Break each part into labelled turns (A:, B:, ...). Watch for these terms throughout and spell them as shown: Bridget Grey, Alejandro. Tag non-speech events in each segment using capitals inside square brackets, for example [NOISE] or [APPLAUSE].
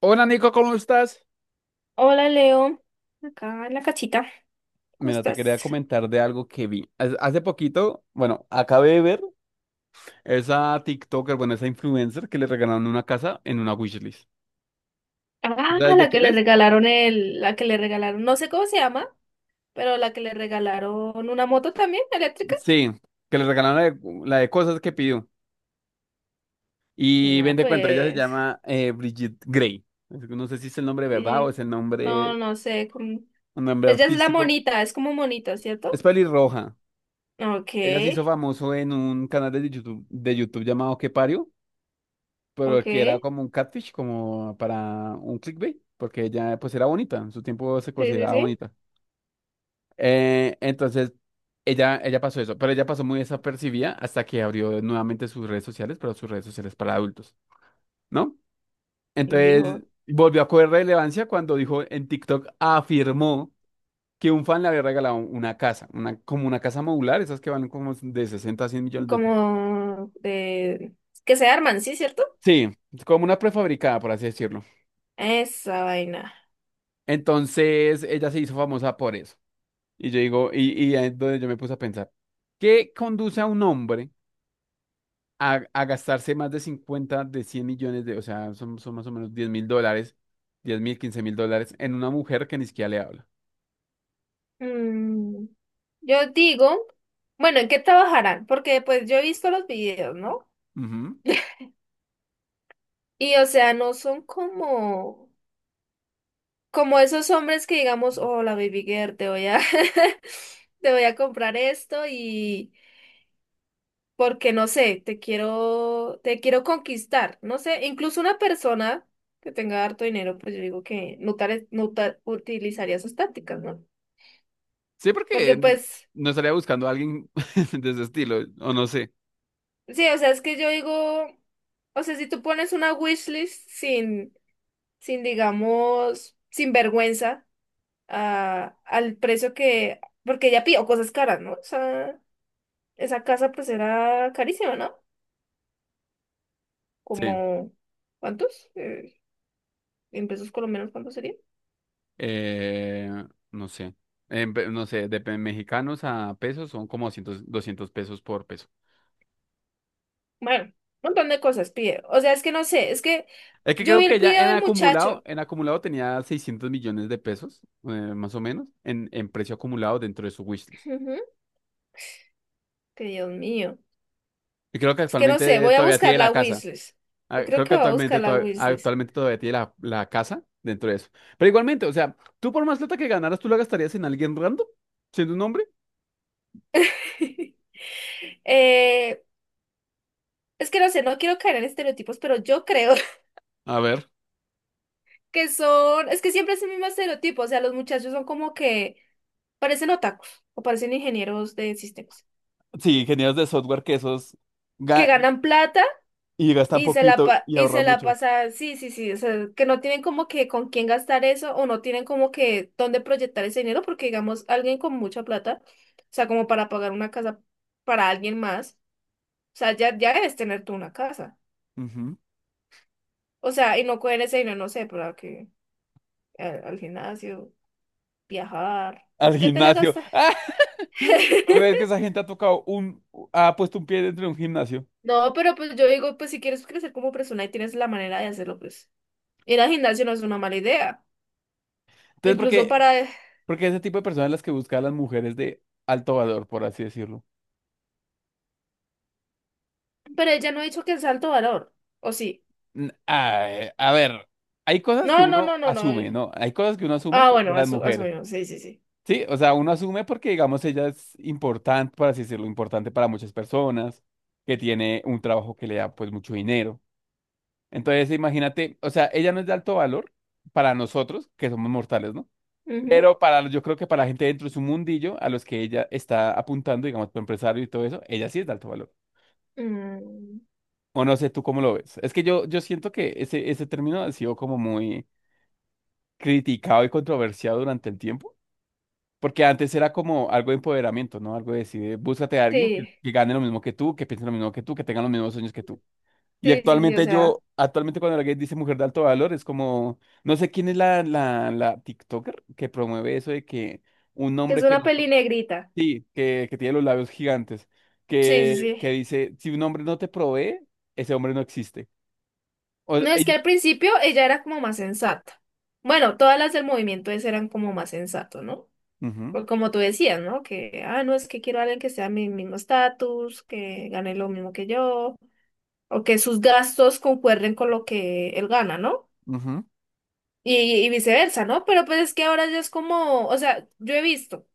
A: Hola Nico, ¿cómo estás?
B: Hola Leo, acá en la casita, ¿cómo
A: Mira, te quería
B: estás?
A: comentar de algo que vi. Hace poquito, bueno, acabé de ver esa TikToker, bueno, esa influencer que le regalaron una casa en una wishlist.
B: Ah,
A: ¿Sabes de
B: la que
A: quién
B: le
A: es?
B: regalaron la que le regalaron, no sé cómo se llama, pero la que le regalaron una moto también eléctrica.
A: Sí, que le regalaron la de cosas que pidió. Y ven
B: Ah,
A: de cuenta, ella se
B: pues,
A: llama Bridget Grey. Es que no sé si es el nombre de verdad o
B: y-
A: es
B: no, no sé,
A: un nombre
B: ella es la
A: artístico.
B: monita, es como monita,
A: Es
B: ¿cierto?
A: pelirroja.
B: Ok,
A: Ella se hizo famoso en un canal de YouTube llamado ¿Qué parió?
B: ok,
A: Pero que era
B: sí,
A: como un catfish, como para un clickbait, porque ella pues era bonita, en su tiempo se
B: sí,
A: consideraba
B: sí.
A: bonita. Entonces, ella pasó eso, pero ella pasó muy desapercibida hasta que abrió nuevamente sus redes sociales, pero sus redes sociales para adultos, ¿no?
B: Y
A: Entonces,
B: dijo,
A: volvió a coger relevancia cuando dijo en TikTok, afirmó que un fan le había regalado una casa, como una casa modular, esas que van como de 60 a 100 millones de pesos.
B: como de, que se arman, ¿sí, cierto?
A: Sí, como una prefabricada, por así decirlo.
B: Esa vaina.
A: Entonces, ella se hizo famosa por eso. Y yo digo, y ahí es donde yo me puse a pensar, ¿qué conduce a un hombre a gastarse más de 50 de 100 millones de, o sea, son más o menos 10 mil dólares, 10 mil, 15 mil dólares en una mujer que ni siquiera le habla?
B: Mm, yo digo, bueno, ¿en qué trabajarán? Porque pues yo he visto los videos, ¿no?
A: Ujú.
B: Y o sea, no son como, como esos hombres que digamos, hola baby girl, te voy a, [LAUGHS] te voy a comprar esto y porque no sé, te quiero conquistar, no sé, incluso una persona que tenga harto dinero, pues yo digo que no, utilizaría sus tácticas, ¿no?
A: Sí, porque
B: Porque pues
A: no estaría buscando a alguien [LAUGHS] de ese estilo, o no sé.
B: sí, o sea, es que yo digo, o sea, si tú pones una wishlist sin, sin, digamos, sin vergüenza al precio que, porque ella pidió cosas caras, ¿no? O sea, esa casa pues era carísima, ¿no?
A: Sí,
B: Como, ¿cuántos? En pesos colombianos, ¿cuánto sería?
A: eh, no sé. No sé, de mexicanos a pesos son como 200 200 pesos por peso.
B: Bueno, un montón de cosas pide. O sea, es que no sé, es que
A: Es que
B: yo
A: creo
B: vi el
A: que ya
B: video del muchacho.
A: en acumulado tenía 600 millones de pesos, más o menos, en precio acumulado dentro de su wishlist.
B: Ujú, que Dios mío.
A: Y creo que
B: Es que no sé,
A: actualmente
B: voy a
A: todavía
B: buscar
A: tiene
B: la
A: la casa.
B: wishlist.
A: Ah,
B: Yo creo
A: creo que
B: que voy a buscar
A: actualmente,
B: la wishlist.
A: actualmente todavía tiene la casa dentro de eso. Pero igualmente, o sea, tú por más plata que ganaras, ¿tú la gastarías en alguien random? ¿Siendo un hombre?
B: [LAUGHS] Eh, es que no sé, no quiero caer en estereotipos, pero yo creo [LAUGHS]
A: A ver.
B: que son, es que siempre es el mismo estereotipo, o sea, los muchachos son como que parecen otakus o parecen ingenieros de sistemas,
A: Sí, ingenieros de software que esos
B: que
A: ga-
B: ganan plata
A: y gastan poquito y
B: y se
A: ahorran
B: la
A: mucho.
B: pasan sí, sí, sí, o sea, que no tienen como que con quién gastar eso o no tienen como que dónde proyectar ese dinero, porque digamos, alguien con mucha plata, o sea, como para pagar una casa para alguien más, o sea, ya, ya debes tener tú una casa,
A: Ujú.
B: o sea, y no coger ese dinero, no sé, para que al gimnasio. Viajar. ¿Por
A: Al
B: qué te la
A: gimnasio.
B: gastas?
A: [LAUGHS] ¿Tú crees que
B: [LAUGHS]
A: esa gente ha tocado ha puesto un pie dentro de un gimnasio?
B: No, pero pues yo digo, pues si quieres crecer como persona y tienes la manera de hacerlo, pues ir al gimnasio no es una mala idea.
A: Entonces,
B: Incluso para...
A: ¿por qué ese tipo de personas las que buscan a las mujeres de alto valor, por así decirlo?
B: Pero ella no ha dicho que sea alto valor. ¿O sí?
A: Ay, a ver, hay cosas que
B: No, no,
A: uno
B: no, no, no.
A: asume, ¿no? Hay cosas que uno asume
B: Ah,
A: de
B: bueno,
A: las mujeres.
B: asumimos. Sí, sí, sí.
A: Sí, o sea, uno asume porque, digamos, ella es importante, por así decirlo, importante para muchas personas, que tiene un trabajo que le da, pues, mucho dinero. Entonces, imagínate, o sea, ella no es de alto valor para nosotros, que somos mortales, ¿no?
B: Ujú.
A: Pero para, yo creo que para la gente dentro de su mundillo, a los que ella está apuntando, digamos, para empresario y todo eso, ella sí es de alto valor.
B: Mm,
A: O no sé, ¿tú cómo lo ves? Es que yo siento que ese término ha sido como muy criticado y controversiado durante el tiempo, porque antes era como algo de empoderamiento, ¿no? Algo de decir, búscate a alguien
B: sí,
A: que gane lo mismo que tú, que piense lo mismo que tú, que tenga los mismos sueños que tú. Y
B: sí, sí, sí. O
A: actualmente
B: sea,
A: yo, actualmente cuando alguien dice mujer de alto valor, es como, no sé quién es la TikToker que promueve eso de que un
B: que es
A: hombre que
B: una
A: no,
B: peli negrita.
A: sí, que tiene los labios gigantes,
B: Sí, sí, sí.
A: que dice, si un hombre no te provee, ese hombre no existe. O,
B: No, es que
A: y-
B: al principio ella era como más sensata. Bueno, todas las del movimiento ese eran como más sensato, ¿no?
A: ujú.
B: Por como tú decías, ¿no? Que, ah, no, es que quiero a alguien que sea mi mismo estatus, que gane lo mismo que yo, o que sus gastos concuerden con lo que él gana, ¿no?
A: Ujú,
B: Y, y viceversa, ¿no? Pero pues es que ahora ya es como, o sea, yo he visto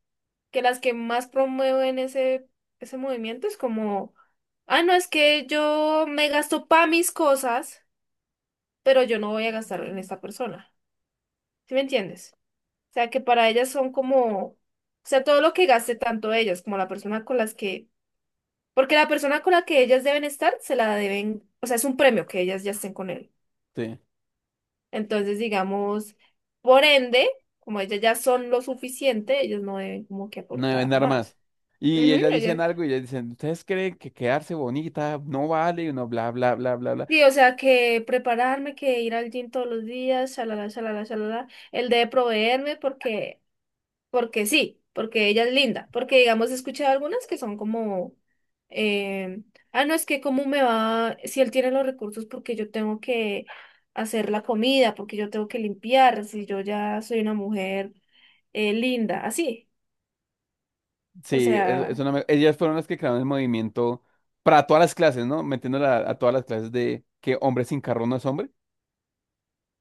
B: que las que más promueven ese movimiento es como, ah, no, es que yo me gasto para mis cosas, pero yo no voy a gastar en esta persona. ¿Sí me entiendes? O sea, que para ellas son como... O sea, todo lo que gaste tanto ellas como la persona con las que porque la persona con la que ellas deben estar, se la deben, o sea, es un premio que ellas ya estén con él.
A: sí,
B: Entonces, digamos, por ende, como ellas ya son lo suficiente, ellas no deben como que
A: no deben
B: aportar
A: dar
B: más.
A: más. Y
B: Ujú,
A: ellas
B: ellas-
A: dicen algo y ellas dicen, ¿ustedes creen que quedarse bonita no vale? Y uno bla, bla, bla, bla, bla.
B: sí, o sea, que prepararme, que ir al gym todos los días, shalala, shalala, shalala. Él debe proveerme porque porque sí, porque ella es linda, porque digamos he escuchado algunas que son como, eh, ah, no, es que cómo me va, si él tiene los recursos, porque yo tengo que hacer la comida, porque yo tengo que limpiar, si yo ya soy una mujer linda, así, o
A: Sí, es
B: sea,
A: una ellas fueron las que crearon el movimiento para todas las clases, ¿no? Metiéndola a todas las clases de que hombre sin carro no es hombre.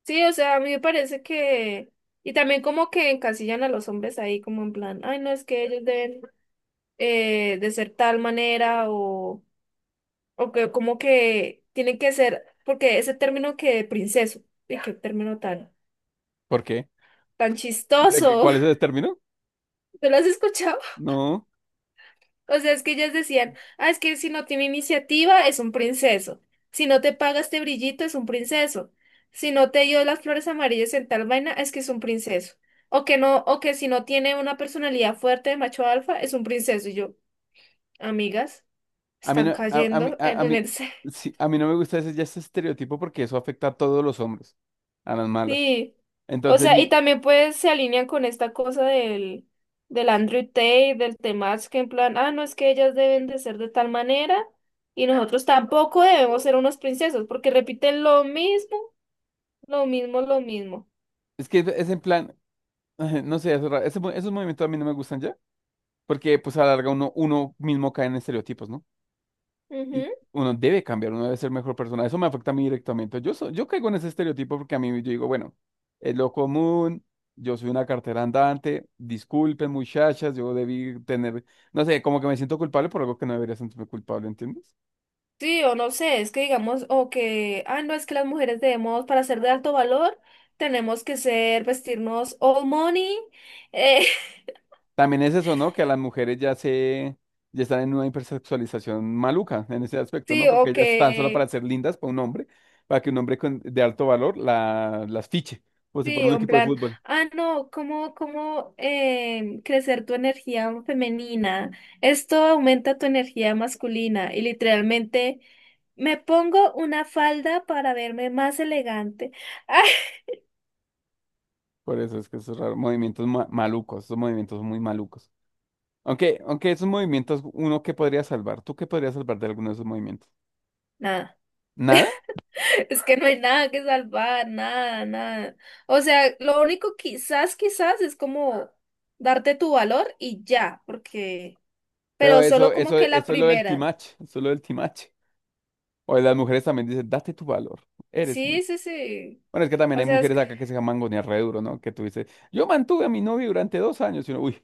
B: sí, o sea, a mí me parece que, y también como que encasillan a los hombres ahí como en plan, ay, no, es que ellos deben de ser tal manera o que como que tiene que ser, porque ese término que de princeso, y qué término tan,
A: ¿Por qué?
B: tan
A: ¿De que,
B: chistoso,
A: cuál es el término?
B: [LAUGHS] ¿tú lo has escuchado? [LAUGHS]
A: No,
B: O sea, es que ellas decían, ah, es que si no tiene iniciativa es un princeso, si no te paga este brillito es un princeso, si no te dio las flores amarillas en tal vaina es que es un princeso, o que no, o que si no tiene una personalidad fuerte de macho alfa es un princeso, y yo, amigas,
A: a mí no,
B: están cayendo en
A: a
B: un
A: mí,
B: exceso. [LAUGHS]
A: sí, a mí no me gusta ese, ya ese estereotipo porque eso afecta a todos los hombres, a las malas.
B: Sí, o
A: Entonces,
B: sea, y
A: mi,
B: también pues se alinean con esta cosa del, del Andrew Tate, del Temach, que en plan, ah, no, es que ellas deben de ser de tal manera y nosotros tampoco debemos ser unos princesos, porque repiten lo mismo, lo mismo, lo mismo.
A: es que es en plan, [LAUGHS] no sé, es raro, ese esos movimientos a mí no me gustan ya. Porque pues a la larga uno, uno mismo cae en estereotipos, ¿no? Y
B: Ujú.
A: uno debe cambiar, uno debe ser mejor persona. Eso me afecta a mí directamente. Yo, yo caigo en ese estereotipo porque a mí yo digo, bueno, es lo común, yo soy una cartera andante, disculpen muchachas, yo debí tener, no sé, como que me siento culpable por algo que no debería sentirme culpable, ¿entiendes?
B: Sí, o no sé, es que digamos, o que, ah, no, es que las mujeres debemos, para ser de alto valor, tenemos que ser, vestirnos all money, eh,
A: También es eso, ¿no? Que a las mujeres ya están en una hipersexualización maluca en ese
B: [LAUGHS]
A: aspecto, ¿no?
B: sí,
A: Porque
B: o
A: ellas están solo
B: que...
A: para ser lindas para un hombre, para que un hombre de alto valor las fiche, como si fuera
B: Sí,
A: un
B: en
A: equipo de
B: plan,
A: fútbol.
B: ah, no, ¿cómo, cómo crecer tu energía femenina? Esto aumenta tu energía masculina y literalmente me pongo una falda para verme más elegante. [LAUGHS]
A: Por eso es que esos raros movimientos malucos, esos movimientos muy malucos. Aunque esos movimientos, uno que podría salvar, ¿tú qué podrías salvar de alguno de esos movimientos?
B: Nada,
A: Nada,
B: es que no hay nada que salvar, nada, nada. O sea, lo único quizás, quizás es como darte tu valor y ya, porque,
A: pero
B: pero solo como que la
A: eso es lo del
B: primera.
A: timache, eso es lo del timache. O las mujeres también dicen, date tu valor, eres
B: Sí,
A: mucho.
B: sí, sí.
A: Bueno, es que también
B: O
A: hay
B: sea, es
A: mujeres acá que se mangonean re duro, ¿no? Que tú dices, yo mantuve a mi novio durante 2 años. Y uno, uy,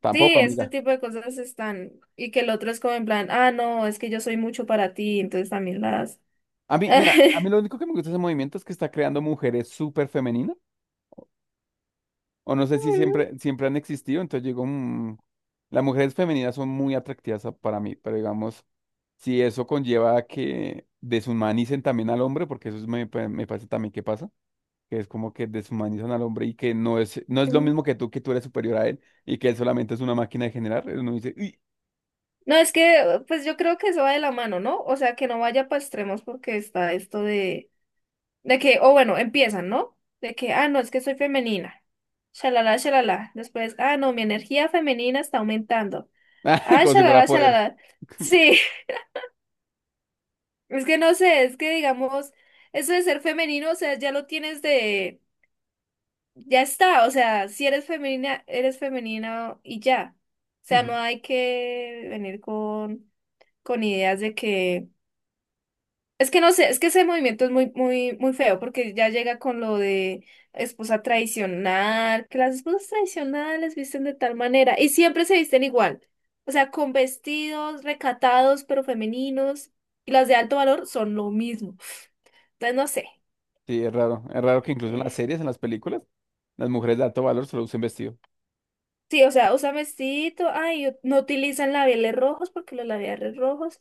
A: tampoco,
B: sí, ese
A: amiga.
B: tipo de cosas están. Y que el otro es como en plan, ah, no, es que yo soy mucho para ti, entonces también las.
A: A mí, mira, a mí
B: [LAUGHS]
A: lo único que me gusta de ese movimiento es que está creando mujeres súper femeninas. O no sé si siempre, siempre han existido. Entonces yo digo, "Mm, las mujeres femeninas son muy atractivas para mí. Pero digamos, si eso conlleva a que deshumanicen también al hombre, porque eso es- me, pa- me parece también que pasa, que es como que deshumanizan al hombre y que no es lo mismo que tú eres superior a él y que él solamente es una máquina de generar. Uno dice, "Uy,
B: No, es que, pues yo creo que eso va de la mano, ¿no? O sea, que no vaya para extremos porque está esto de que, o bueno, empiezan, ¿no? De que, ah, no, es que soy femenina. Shalala, shalala. Después, ah, no, mi energía femenina está aumentando.
A: [LAUGHS]
B: Ah,
A: como si fuera
B: shalala,
A: poder.
B: shalala. Sí, [LAUGHS] es que no sé, es que digamos, eso de ser femenino, o sea, ya lo tienes de ya está, o sea, si eres femenina, eres femenina y ya. O sea, no
A: Ujú.
B: hay que venir con ideas de que... Es que no sé, es que ese movimiento es muy, muy, muy feo porque ya llega con lo de esposa tradicional, que las esposas tradicionales visten de tal manera y siempre se visten igual. O sea, con vestidos recatados pero femeninos y las de alto valor son lo mismo. Entonces, no sé.
A: Sí, es raro. Es raro que incluso en las series, en las películas, las mujeres de alto valor solo usen vestido.
B: Sí, o sea, usa mestito, ay, no utilizan labiales rojos porque los labiales rojos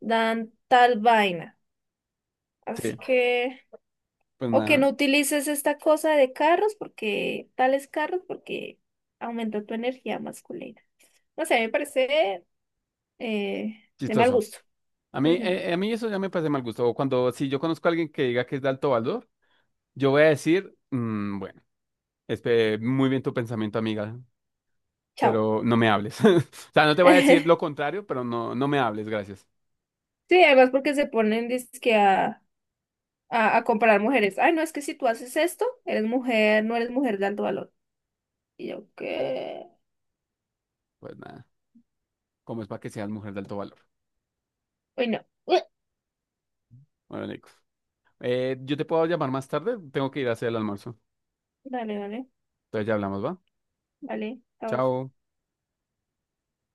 B: dan tal vaina. Así
A: Sí,
B: que,
A: pues
B: o que
A: nada,
B: no utilices esta cosa de carros porque, tales carros porque aumenta tu energía masculina. No sé, me parece de mal
A: chistoso.
B: gusto. Ujú,
A: A mí eso ya me parece mal gusto. O cuando, si yo conozco a alguien que diga que es de alto valor, yo voy a decir, "Mm, bueno, muy bien tu pensamiento, amiga,
B: chao.
A: pero no me hables. [LAUGHS] O sea, no te voy a decir lo
B: [LAUGHS]
A: contrario, pero no me hables, gracias.
B: Sí, además porque se ponen dizque a comparar mujeres. Ay, no, es que si tú haces esto, eres mujer, no eres mujer de alto valor. Y yo, ¿qué?
A: Pues nada, como es para que seas mujer de alto valor.
B: Uy, no. [LAUGHS] Ué.
A: Bueno, Nico. Yo te puedo llamar más tarde, tengo que ir a hacer el almuerzo.
B: Dale, dale.
A: Entonces ya hablamos, ¿va?
B: Vale, chao.
A: Chao.